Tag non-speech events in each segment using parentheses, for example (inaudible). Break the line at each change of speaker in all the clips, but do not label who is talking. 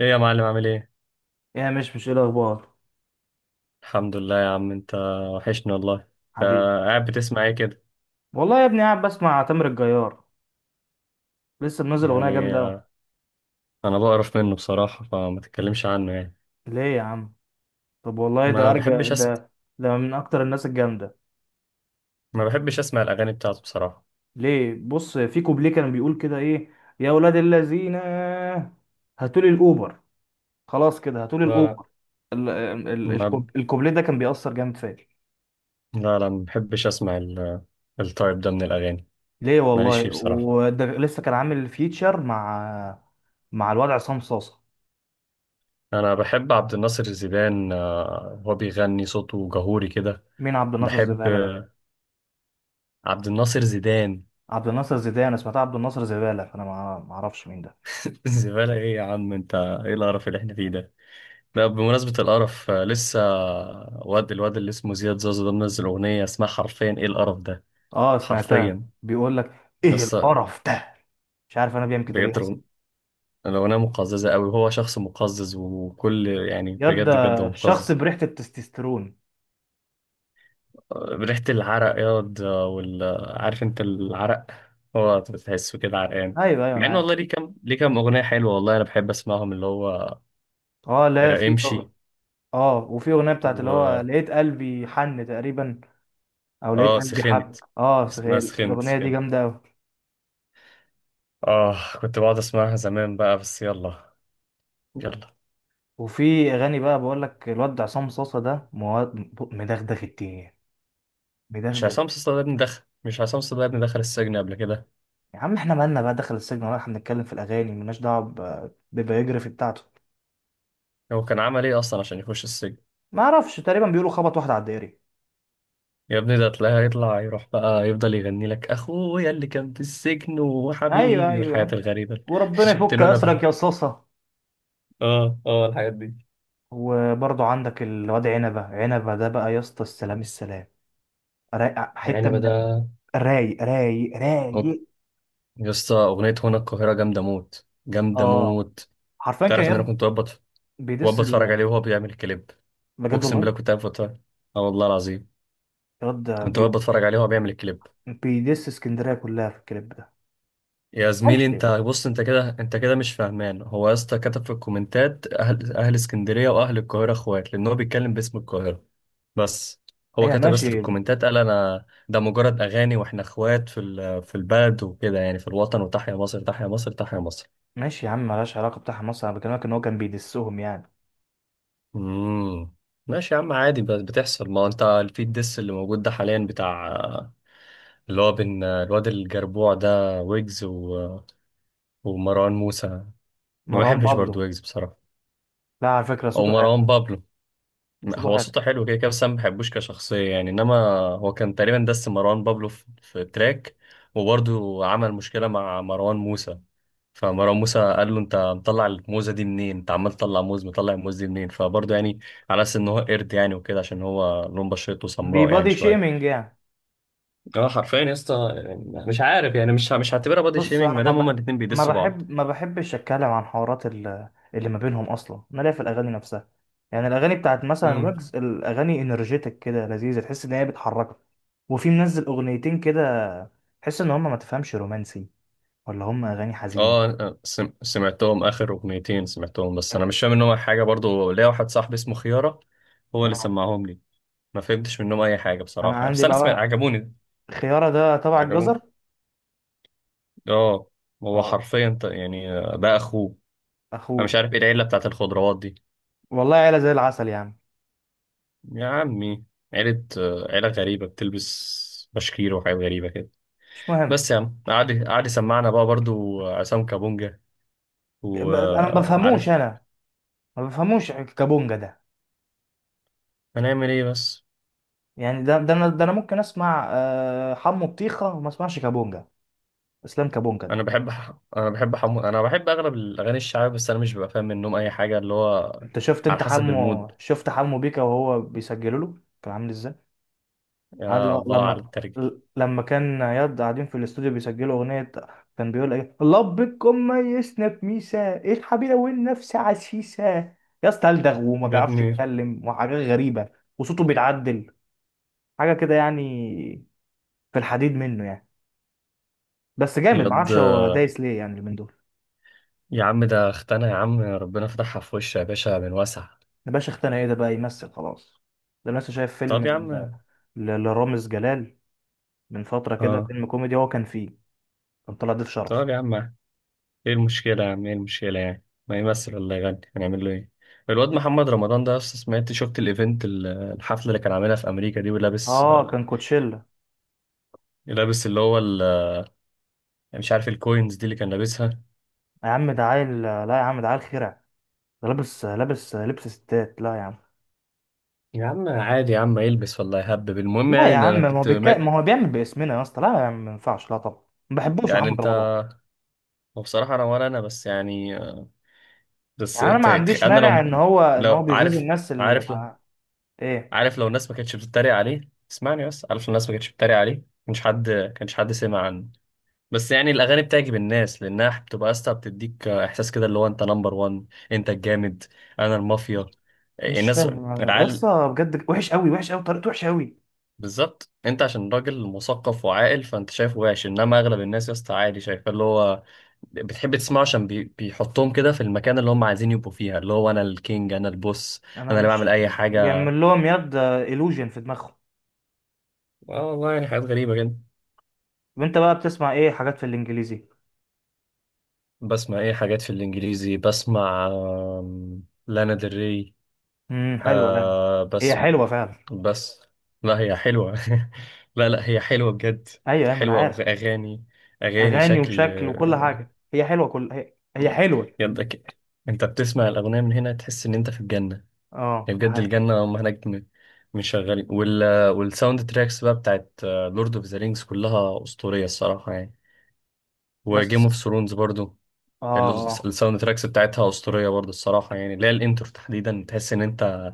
ايه يا معلم عامل ايه؟
يا مش ايه الاخبار؟
الحمد لله يا عم. انت وحشني والله. انت
حبيبي،
قاعد بتسمع ايه كده؟
والله يا ابني قاعد بسمع تامر الجيار. لسه منزل اغنيه
يعني
جامده قوي.
آه، انا بقرف منه بصراحة، فما تتكلمش عنه يعني.
ليه يا عم؟ طب والله ده
ما
ارجع
بحبش اسمع.
ده، ده من اكتر الناس الجامده.
ما بحبش اسمع الاغاني بتاعته بصراحة.
ليه؟ بص في كوبليه كان بيقول كده ايه: يا اولاد الذين هاتوا لي الاوبر، خلاص كده هاتوا لي
لا لا.
الاوبر. ال- ال-
ما
الكوب- الكوبليه ده كان بيأثر جامد فيا.
ما بحبش اسمع التايب ده من الاغاني.
ليه؟
ماليش فيه
والله
بصراحة.
وده لسه كان عامل فيتشر مع، مع الواد عصام صاصا.
انا بحب عبد الناصر زيدان، هو بيغني صوته جهوري كده.
مين عبد الناصر
بحب
زبالة ده؟
عبد الناصر زيدان.
عبد الناصر زيدان، أنا سمعتها عبد الناصر زبالة، فأنا ما أعرفش مين ده.
(laughs) زبالة ايه يا عم انت؟ ايه القرف اللي احنا فيه ده؟ بقى بمناسبة القرف، لسه الواد اللي اسمه زياد زازا ده منزل أغنية اسمها حرفيا "إيه القرف ده".
أه سمعتها،
حرفيا
بيقول لك إيه
لسه.
القرف ده. مش عارف أنا بيعمل كده ليه
بجد
أصلا.
الأغن- الأغنية مقززة أوي، وهو شخص مقزز، وكل يعني
ياد ده
بجد بجد هو
شخص
مقزز.
بريحة التستوستيرون.
ريحة العرق ياض، آه، وال آه، عارف أنت العرق؟ هو بتحسه كده عرقان.
أيوه أيوه أنا
مع إن
عارف.
والله ليه كام أغنية حلوة والله، أنا بحب أسمعهم اللي هو
أه لا، في،
امشي
أه وفي أغنية بتاعت اللي
و
هو لقيت قلبي حن تقريبا، أو لقيت قلبي حب.
سخنت.
أه صحيح
اسمها سخنت
الأغنية دي
سخنت.
جامدة أوي.
آه كنت بقعد أسمعها زمان بقى، بس يلا يلا.
وفي أغاني بقى، بقول لك الواد عصام صاصة ده مدغدغ الدنيا،
(laughs) مش
مدغدغ.
عصام صاصا ده ابني دخل، مش عصام صاصا ده ابني دخل السجن قبل كده؟
يا عم احنا مالنا بقى دخل السجن، ولا احنا بنتكلم في الأغاني؟ ملناش دعوة ببيوجرافي بتاعته.
هو كان عمل إيه أصلا عشان يخش السجن؟
ما اعرفش، تقريبا بيقولوا خبط واحد على الدائري.
يا ابني ده تلاقيه هيطلع يروح بقى يفضل يغني لك "أخويا اللي كان في السجن"
ايوه
وحبيبي
ايوه
والحاجات
يعني.
الغريبة اللي (laughs)
وربنا
شفت
يفك
له أنا
اسرك
بقى.
يا صاصه.
آه آه، الحاجات دي.
وبرضو عندك الواد عنبه، عنبه ده بقى يا اسطى، السلام السلام. رايق حته
العنبة
من،
ده.
رايق رايق
أوك.
رايق.
يا اسطى أغنية "هنا القاهرة" جامدة موت، جامدة
اه
موت.
حرفيا كان
تعرف إن أنا
ياد
كنت
بيدس
بقعد أتفرج
ال...
عليه وهو بيعمل الكليب؟
بجد
أقسم بالله
والله.
كنت قاعد بتفرج. آه والله العظيم،
ياد
كنت بقعد بتفرج عليه وهو بيعمل الكليب.
بيدس اسكندريه كلها في الكليب ده.
يا
معرفش
زميلي انت
ليه.
بص، انت كده انت كده مش فاهمان. هو يا اسطى كتب في الكومنتات اهل اسكندريه واهل القاهره اخوات، لان هو بيتكلم باسم القاهره بس. هو
ايوه
كتب بس في
ماشي.
الكومنتات قال انا ده مجرد اغاني، واحنا اخوات في في البلد وكده، يعني في الوطن، وتحيا مصر تحيا مصر تحيا مصر.
ماشي يا عم، ملهاش علاقه بتاع مصر، انا بكلمك ان هو كان بيدسهم يعني.
امم، ماشي يا عم عادي، بس بتحصل. ما هو انت في الدس اللي موجود ده حاليا بتاع اللي هو بين الواد الجربوع ده ويجز ومروان موسى. ما
مروان
بحبش
بابلو؟
برضو ويجز بصراحه،
لا على فكره
او
صوته حلو.
مروان بابلو.
صوته
هو
حلو.
صوته حلو كده كده، بس انا ما بحبوش كشخصيه يعني، انما هو كان تقريبا دس مروان بابلو في في تراك، وبرضه عمل مشكله مع مروان موسى. فمروان موسى قال له انت مطلع الموزه دي منين، انت عمال تطلع موز، مطلع الموز دي منين؟ فبرضه يعني على اساس ان هو قرد يعني وكده، عشان هو لون بشرته سمراء يعني
بيبادي
شويه.
شيمينج يعني.
اه حرفيا يا اسطى، يعني مش عارف يعني، مش هعتبرها بادي
بص
شيمينج
انا
ما دام هما الاتنين بيدسوا بعض.
ما بحبش اتكلم عن حوارات اللي ما بينهم اصلا، انا ليا في الاغاني نفسها. يعني الاغاني بتاعت مثلا ويجز، الاغاني انرجيتك كده لذيذه، تحس ان هي بتحركك. وفي منزل اغنيتين كده، تحس ان هم ما تفهمش رومانسي ولا هم اغاني حزين.
سمعتهم اخر اغنيتين سمعتهم، بس انا مش فاهم منهم أي حاجه برضو. ليا واحد صاحبي اسمه خياره، هو اللي
اه
سمعهم لي. ما فهمتش منهم اي حاجه
انا
بصراحه يعني.
عندي
بس انا سمعت
بقى،
عجبوني.
خياره ده تبع
عجبوني.
الجزر.
اه، هو
اه
حرفيا ده اخوه. انا
اخوه.
مش عارف ايه العيله بتاعت الخضروات دي.
والله عيله زي العسل يعني.
يا عمي، عيله، عيله غريبه، بتلبس بشكير وحاجات غريبه كده.
مش مهم.
بس يا عم، قعد يسمعنا بقى برضو عصام كابونجا.
انا ما بفهموش،
وعارف
انا ما بفهموش كابونجا ده.
هنعمل ايه بس.
يعني ده انا ممكن اسمع حمو بطيخه وما اسمعش كابونجا. اسلام كابونجا ده.
انا بحب اغلب الاغاني الشعبيه، بس انا مش ببقى فاهم منهم اي حاجه اللي هو
انت شفت،
على
انت
حسب المود.
حمو، شفت حمو بيكا وهو بيسجلوا له كان عامل ازاي؟ عارف
يا الله على
لما،
الترجي.
لما كان ياد قاعدين في الاستوديو بيسجلوا اغنيه، كان بيقول ايه لبكم ميزنا بميسا ايه الحبيبه والنفس عسيسه. يا اسطى الدغ وما
يا
بيعرفش
ابني
يتكلم وحاجات غريبه. وصوته بيتعدل، حاجه كده يعني، في الحديد منه يعني. بس جامد، ما
يض،
اعرفش هو دايس ليه يعني من دول.
يا عم ده اختنا يا عم، ربنا فتحها في وشها يا باشا من واسع.
الباشا اختنا ايه ده بقى، يمثل خلاص؟ ده أنا لسه شايف فيلم
طب يا عم،
لرامز جلال من فترة كده،
اه،
فيلم كوميدي هو كان فيه، كان طلع ضيف شرف.
طب يا عم ايه المشكله؟ يا عم ايه المشكله يعني، ما يمثل ولا يغني، هنعمل له ايه؟ الواد محمد رمضان ده أصلاً سمعت شفت الايفنت الحفله اللي كان عاملها في امريكا دي ولابس؟
اه كان كوتشيلا.
لابس اللي هو مش عارف الكوينز دي اللي كان لابسها.
يا عم ده عيل، لا يا عم ده عيل خرع، ده لابس، لابس لبس ستات، لا يا عم.
يا عم عادي يا عم، يلبس ولا يهبب، المهم
لا
يعني
يا
ان
عم،
انا
ما هو
كنت مات.
ما هو بيعمل باسمنا يا اسطى، لا يا عم ما ينفعش، لا طبعا. ما بحبوش
يعني
محمد
انت،
رمضان.
وبصراحة انا ولا انا بس يعني.
يعني انا ما عنديش
انا
مانع ان
لو،
هو
لو
بيغيظ
عارف،
الناس اللي
عارف لو،
مع... ايه،
عارف لو الناس ما كانتش بتتريق عليه. اسمعني بس، عارف لو الناس ما كانتش بتتريق عليه مش حد كانش حد سمع عنه، بس يعني الاغاني بتعجب الناس لانها بتبقى اسطى بتديك احساس كده اللي هو انت نمبر وان، انت الجامد، انا المافيا.
مش
الناس،
فاهم انا يا
العيال،
اسطى بجد، وحش قوي وحش قوي، طريقته وحشه قوي.
بالظبط انت عشان راجل مثقف وعاقل فانت شايفه وحش، انما اغلب الناس يا اسطى عادي شايفاه اللي هو بتحب تسمعه عشان بيحطهم كده في المكان اللي هم عايزين يبقوا فيها، اللي هو انا الكينج، انا البوس،
انا
انا اللي بعمل
مش،
اي حاجه.
بيعمل لهم يد illusion في دماغهم.
اه والله، يعني حاجات غريبه جدا.
وانت بقى بتسمع ايه حاجات في الانجليزي؟
بسمع ايه حاجات في الانجليزي؟ بسمع لانا ديل ري.
حلوه، لا
آه
هي
بس،
حلوه فعلا.
بس. لا هي حلوه. (laughs) لا لا هي حلوه بجد.
ايوه ايوه ما انا
حلوه،
عارف.
اغاني، اغاني
اغاني
شكل.
وشكل وكل حاجه، هي حلوه، كل هي حلوه.
يدك، انت بتسمع الاغنيه من هنا تحس ان انت في الجنه.
اه
يعني
ده
بجد
حقيقي.
الجنه هم هناك مش شغالين. والساوند تراكس بقى بتاعت لورد اوف ذا رينجز كلها اسطوريه الصراحه يعني، وجيم اوف
بس
ثرونز برضو.
اه
ال-
اه.
الساوند تراكس بتاعتها اسطوريه برضو الصراحه يعني، اللي هي الانترو تحديدا تحس ان انت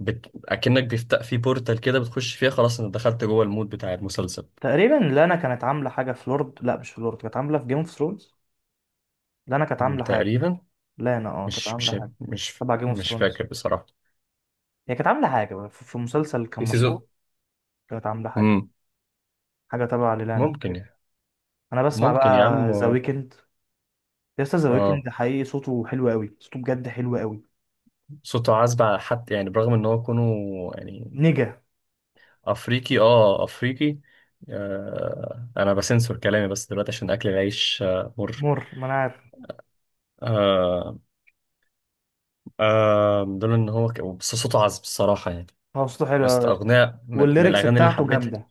اكنك بيفتح في بورتال كده، بتخش فيها خلاص، انت دخلت جوه المود بتاع المسلسل.
تقريبا لانا كانت عامله حاجه في لورد، لا مش في لورد، كانت عامله في جيم اوف ثرونز. لانا كانت عامله حاجه.
تقريبا.
لانا اه كانت
مش
عامله
مش
حاجه
مش
تبع جيم اوف
مش فاكر
ثرونز.
بصراحه
هي كانت عامله حاجه بقى، في في مسلسل
في
كان
سيزون.
مشهور، كانت عامله حاجه،
امم،
حاجه تبع لانا
ممكن
تقريبا.
يعني.
انا بسمع
ممكن يا
بقى
عم.
ذا ويكند. يا اسطى ذا
اه،
ويكند حقيقي صوته حلو قوي، صوته بجد حلو قوي.
صوته عذب على حد يعني برغم ان هو كونه يعني
نجا.
افريقي، اه افريقي. آه انا بسنسور كلامي بس دلوقتي عشان اكل العيش، آه مر.
مر ما انا عارف.
آه آه دول ان بس صوته عذب الصراحه يعني.
هو صوته حلو قوي يا اسطى،
اغنيه من
والليركس
الاغاني اللي
بتاعته
حبيتها،
جامده.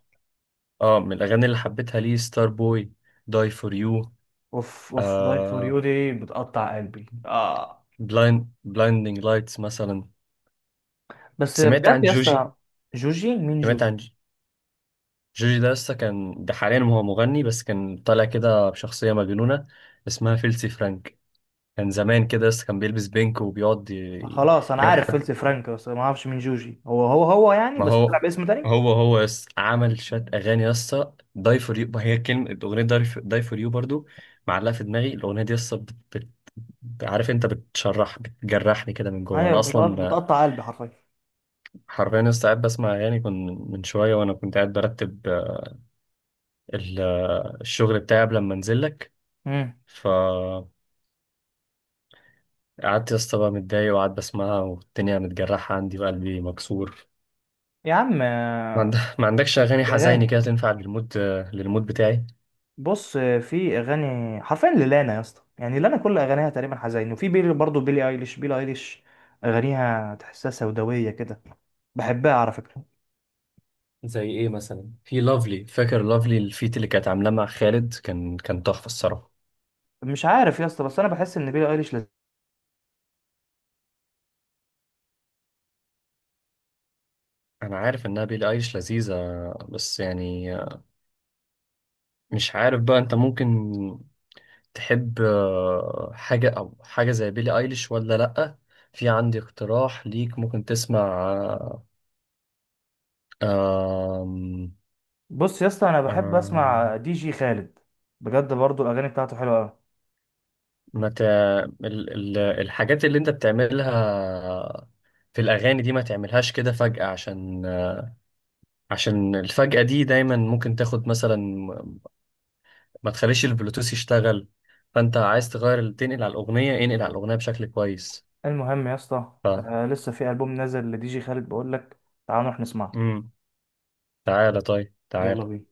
اه من الاغاني اللي حبيتها ليه ستار بوي، داي فور يو.
اوف اوف لايف فور يو
آه
دي بتقطع قلبي، اه.
بلايند، بلايندينج لايتس مثلا.
بس
سمعت
بجد
عن
يا اسطى.
جوجي؟
جوجي؟ مين
سمعت
جوجي؟
عن جوجي؟ ده لسه كان، ده حاليا هو مغني، بس كان طالع كده بشخصية مجنونة اسمها فيلسي فرانك، كان زمان كده لسه كان بيلبس بينك وبيقعد
خلاص انا
يعمل
عارف
حاجات.
فلت فرانك، بس ما اعرفش مين جوجي، هو يعني،
ما
بس طلع
هو،
باسم تاني.
هو هو يس عمل شات أغاني يسا داي فور يو، هي كلمة الأغنية داي فور، داي for يو برضو معلقة في دماغي الأغنية دي يسا عارف أنت بتشرح بتجرحني كده من جوه،
ايوه
أنا أصلا
بتقطع قلبي حرفيا.
حرفيا لسه قاعد بسمع أغاني كنت من شوية، وأنا كنت قاعد برتب ال- الشغل بتاعي قبل ما أنزل لك.
امم.
قعدت يا اسطى بقى متضايق، وقعدت بسمعها والدنيا متجرحة عندي وقلبي مكسور.
يا عم
ما عندكش أغاني حزيني
الاغاني،
كده تنفع للمود، للمود بتاعي؟
بص في اغاني حرفيا للانا يا اسطى، يعني لانا كل اغانيها تقريبا حزين. وفي بيلي برضه، بيلي ايليش، اغانيها تحسها سوداويه كده، بحبها على فكره.
زي إيه مثلا؟ في لافلي، فاكر لافلي الفيت اللي كانت عاملاه مع خالد؟ كان كان تحفة الصراحة.
مش عارف يا اسطى، بس انا بحس ان بيلي ايليش،
أنا عارف إنها بيلي أيليش لذيذة، بس يعني مش عارف بقى أنت ممكن تحب حاجة أو حاجة زي بيلي أيليش ولا لأ. في عندي اقتراح ليك ممكن تسمع. آه، آم،
بص يا اسطى انا بحب
آه،
اسمع دي جي خالد، بجد برضه الاغاني بتاعته حلوه قوي.
ما ت... الحاجات اللي انت بتعملها في الاغاني دي ما تعملهاش كده فجأة، عشان عشان الفجأة دي دايما ممكن تاخد مثلا. ما تخليش البلوتوث يشتغل، فانت عايز تغير تنقل على الاغنية، انقل على الاغنية بشكل كويس.
المهم يا اسطى،
ف
آه لسه في البوم نازل لدي جي خالد، بقول لك تعال نروح نسمعه.
امم، تعالى طيب
يلا
تعالى.
بينا.